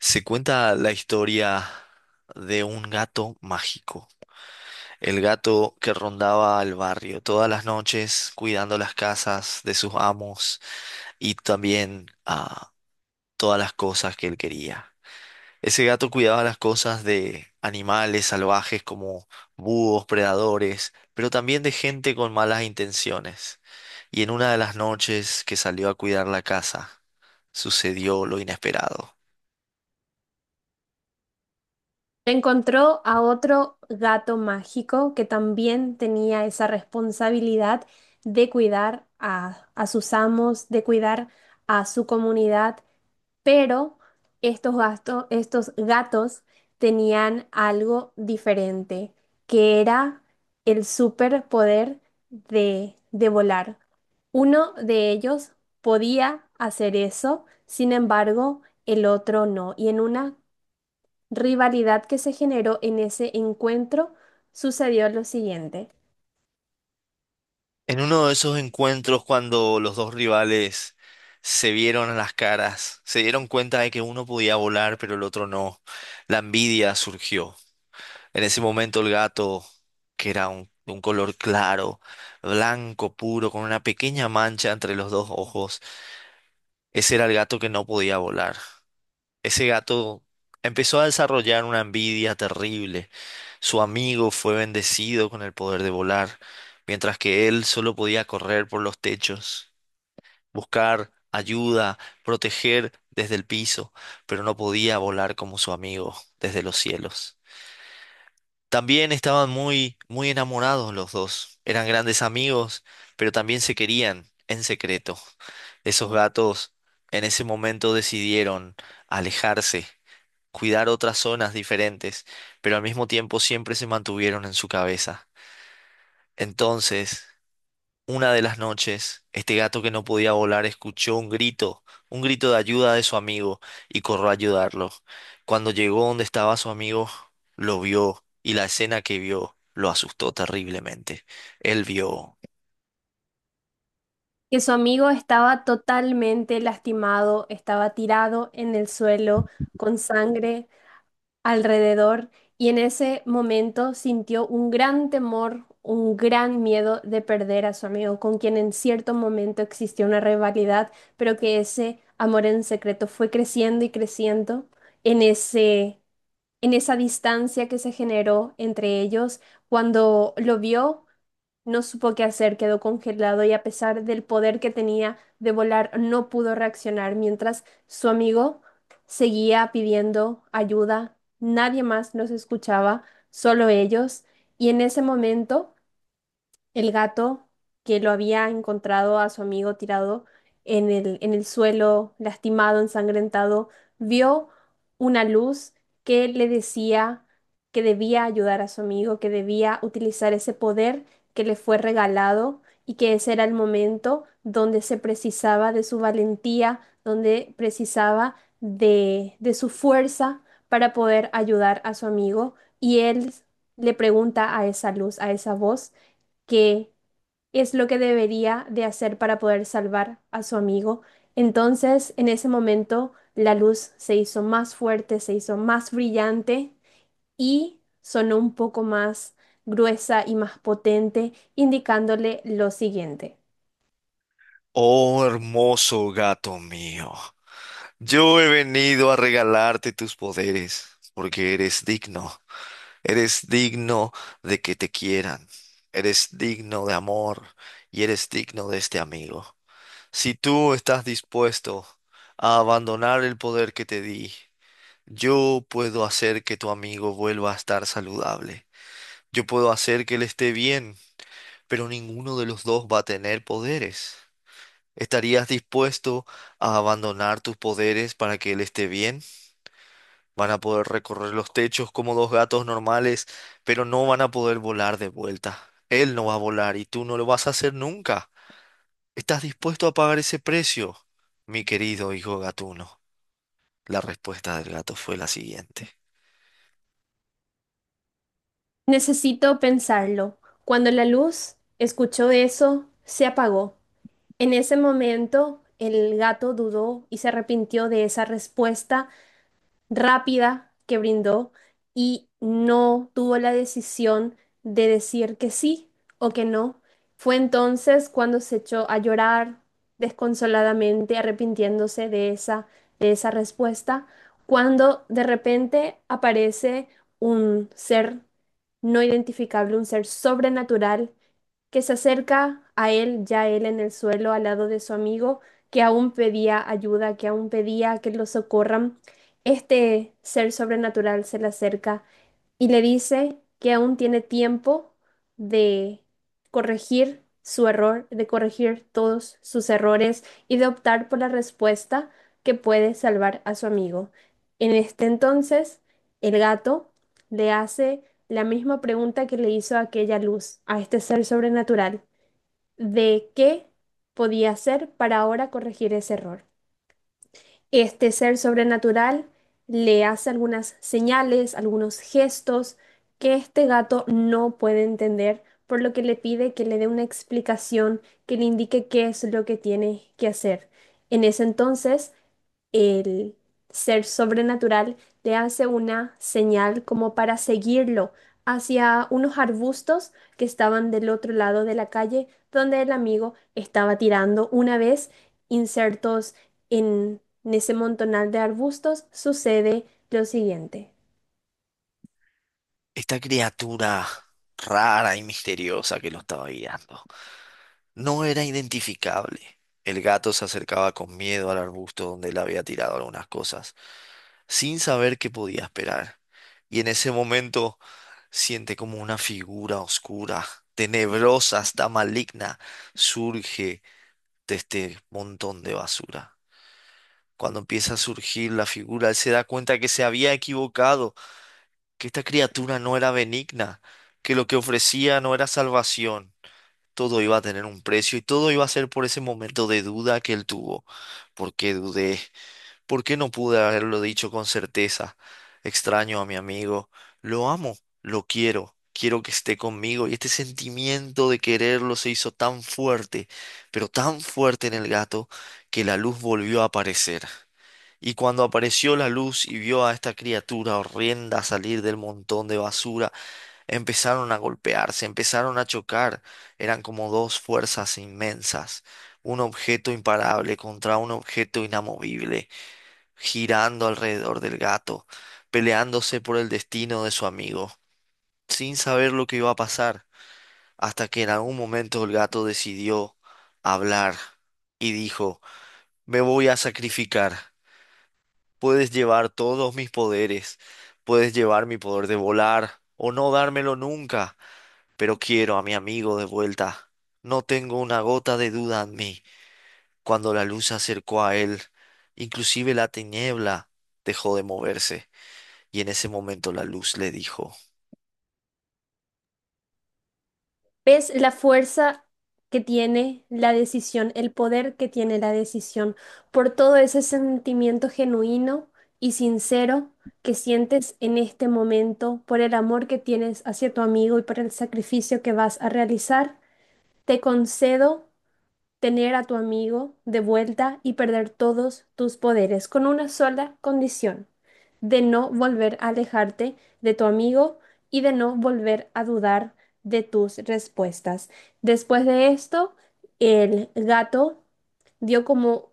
Se cuenta la historia de un gato mágico, el gato que rondaba el barrio todas las noches cuidando las casas de sus amos y también todas las cosas que él quería. Ese gato cuidaba las cosas de animales salvajes como búhos, predadores, pero también de gente con malas intenciones. Y en una de las noches que salió a cuidar la casa, sucedió lo inesperado. Encontró a otro gato mágico que también tenía esa responsabilidad de cuidar a sus amos, de cuidar a su comunidad, pero estos gatos tenían algo diferente, que era el superpoder de volar. Uno de ellos podía hacer eso, sin embargo, el otro no. Y en una rivalidad que se generó en ese encuentro, sucedió lo siguiente, En uno de esos encuentros cuando los dos rivales se vieron a las caras, se dieron cuenta de que uno podía volar pero el otro no, la envidia surgió. En ese momento el gato, que era de un color claro, blanco puro, con una pequeña mancha entre los dos ojos, ese era el gato que no podía volar. Ese gato empezó a desarrollar una envidia terrible. Su amigo fue bendecido con el poder de volar, mientras que él solo podía correr por los techos, buscar ayuda, proteger desde el piso, pero no podía volar como su amigo desde los cielos. También estaban muy, muy enamorados los dos. Eran grandes amigos, pero también se querían en secreto. Esos gatos en ese momento decidieron alejarse, cuidar otras zonas diferentes, pero al mismo tiempo siempre se mantuvieron en su cabeza. Entonces, una de las noches, este gato que no podía volar escuchó un grito de ayuda de su amigo, y corrió a ayudarlo. Cuando llegó donde estaba su amigo, lo vio, y la escena que vio lo asustó terriblemente. Él vio. que su amigo estaba totalmente lastimado, estaba tirado en el suelo con sangre alrededor y en ese momento sintió un gran temor, un gran miedo de perder a su amigo, con quien en cierto momento existió una rivalidad, pero que ese amor en secreto fue creciendo y creciendo en ese en esa distancia que se generó entre ellos. Cuando lo vio, no supo qué hacer, quedó congelado y a pesar del poder que tenía de volar, no pudo reaccionar, mientras su amigo seguía pidiendo ayuda. Nadie más los escuchaba, solo ellos. Y en ese momento el gato que lo había encontrado a su amigo tirado en el suelo, lastimado, ensangrentado, vio una luz que le decía que debía ayudar a su amigo, que debía utilizar ese poder que le fue regalado y que ese era el momento donde se precisaba de su valentía, donde precisaba de su fuerza para poder ayudar a su amigo. Y él le pregunta a esa luz, a esa voz, qué es lo que debería de hacer para poder salvar a su amigo. Entonces, en ese momento, la luz se hizo más fuerte, se hizo más brillante y sonó un poco más gruesa y más potente, indicándole lo siguiente. Oh, hermoso gato mío, yo he venido a regalarte tus poderes, porque eres digno. Eres digno de que te quieran, eres digno de amor y eres digno de este amigo. Si tú estás dispuesto a abandonar el poder que te di, yo puedo hacer que tu amigo vuelva a estar saludable. Yo puedo hacer que él esté bien, pero ninguno de los dos va a tener poderes. ¿Estarías dispuesto a abandonar tus poderes para que él esté bien? Van a poder recorrer los techos como dos gatos normales, pero no van a poder volar de vuelta. Él no va a volar y tú no lo vas a hacer nunca. ¿Estás dispuesto a pagar ese precio, mi querido hijo gatuno? La respuesta del gato fue la siguiente. Necesito pensarlo. Cuando la luz escuchó eso, se apagó. En ese momento, el gato dudó y se arrepintió de esa respuesta rápida que brindó y no tuvo la decisión de decir que sí o que no. Fue entonces cuando se echó a llorar desconsoladamente, arrepintiéndose de esa respuesta, cuando de repente aparece un ser no identificable, un ser sobrenatural que se acerca a él, ya él en el suelo, al lado de su amigo, que aún pedía ayuda, que aún pedía que lo socorran. Este ser sobrenatural se le acerca y le dice que aún tiene tiempo de corregir su error, de corregir todos sus errores y de optar por la respuesta que puede salvar a su amigo. En este entonces, el gato le hace la misma pregunta que le hizo a aquella luz, a este ser sobrenatural, de qué podía hacer para ahora corregir ese error. Este ser sobrenatural le hace algunas señales, algunos gestos que este gato no puede entender, por lo que le pide que le dé una explicación que le indique qué es lo que tiene que hacer. En ese entonces, el ser sobrenatural le hace una señal como para seguirlo hacia unos arbustos que estaban del otro lado de la calle donde el amigo estaba tirando. Una vez insertos en ese montonal de arbustos, sucede lo siguiente. Esta criatura rara y misteriosa que lo estaba guiando, no era identificable. El gato se acercaba con miedo al arbusto donde él había tirado algunas cosas, sin saber qué podía esperar. Y en ese momento siente como una figura oscura, tenebrosa, hasta maligna, surge de este montón de basura. Cuando empieza a surgir la figura, él se da cuenta que se había equivocado, que esta criatura no era benigna, que lo que ofrecía no era salvación, todo iba a tener un precio y todo iba a ser por ese momento de duda que él tuvo. ¿Por qué dudé? ¿Por qué no pude haberlo dicho con certeza? Extraño a mi amigo. Lo amo, lo quiero, quiero que esté conmigo. Y este sentimiento de quererlo se hizo tan fuerte, pero tan fuerte en el gato, que la luz volvió a aparecer. Y cuando apareció la luz y vio a esta criatura horrenda salir del montón de basura, empezaron a golpearse, empezaron a chocar. Eran como dos fuerzas inmensas, un objeto imparable contra un objeto inamovible, girando alrededor del gato, peleándose por el destino de su amigo, sin saber lo que iba a pasar, hasta que en algún momento el gato decidió hablar y dijo, me voy a sacrificar. Puedes llevar todos mis poderes, puedes llevar mi poder de volar o no dármelo nunca, pero quiero a mi amigo de vuelta. No tengo una gota de duda en mí. Cuando la luz se acercó a él, inclusive la tiniebla dejó de moverse, y en ese momento la luz le dijo, ¿Ves la fuerza que tiene la decisión, el poder que tiene la decisión, por todo ese sentimiento genuino y sincero que sientes en este momento, por el amor que tienes hacia tu amigo y por el sacrificio que vas a realizar? Te concedo tener a tu amigo de vuelta y perder todos tus poderes, con una sola condición, de no volver a alejarte de tu amigo y de no volver a dudar de tus respuestas. Después de esto, el gato dio como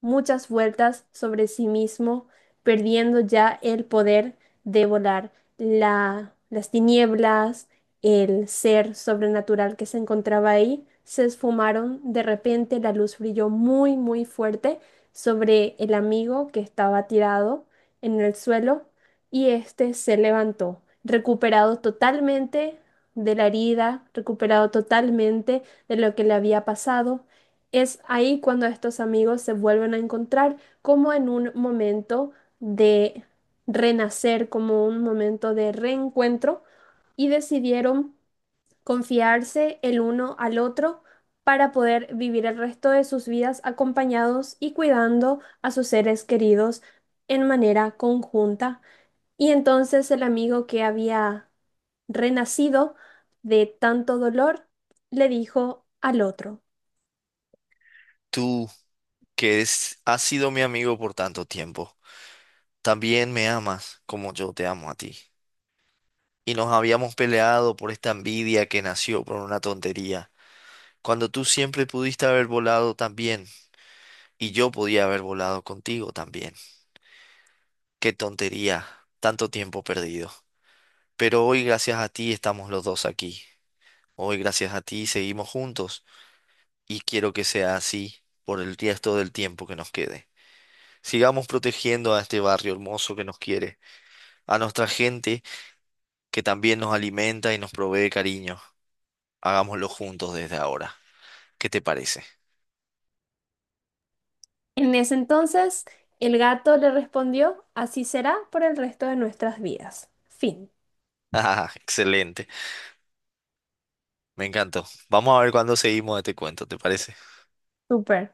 muchas vueltas sobre sí mismo, perdiendo ya el poder de volar. Las tinieblas, el ser sobrenatural que se encontraba ahí, se esfumaron. De repente la luz brilló muy, muy fuerte sobre el amigo que estaba tirado en el suelo y este se levantó, recuperado totalmente de la herida, recuperado totalmente de lo que le había pasado. Es ahí cuando estos amigos se vuelven a encontrar como en un momento de renacer, como un momento de reencuentro y decidieron confiarse el uno al otro para poder vivir el resto de sus vidas acompañados y cuidando a sus seres queridos en manera conjunta. Y entonces el amigo que había renacido de tanto dolor le dijo al otro. tú, has sido mi amigo por tanto tiempo, también me amas como yo te amo a ti. Y nos habíamos peleado por esta envidia que nació por una tontería, cuando tú siempre pudiste haber volado también, y yo podía haber volado contigo también. Qué tontería, tanto tiempo perdido. Pero hoy gracias a ti estamos los dos aquí. Hoy gracias a ti seguimos juntos y quiero que sea así por el resto del tiempo que nos quede. Sigamos protegiendo a este barrio hermoso que nos quiere, a nuestra gente que también nos alimenta y nos provee cariño. Hagámoslo juntos desde ahora. ¿Qué te parece? En ese entonces, el gato le respondió, así será por el resto de nuestras vidas. Fin. Ah, excelente. Me encantó. Vamos a ver cuándo seguimos este cuento, ¿te parece? Súper.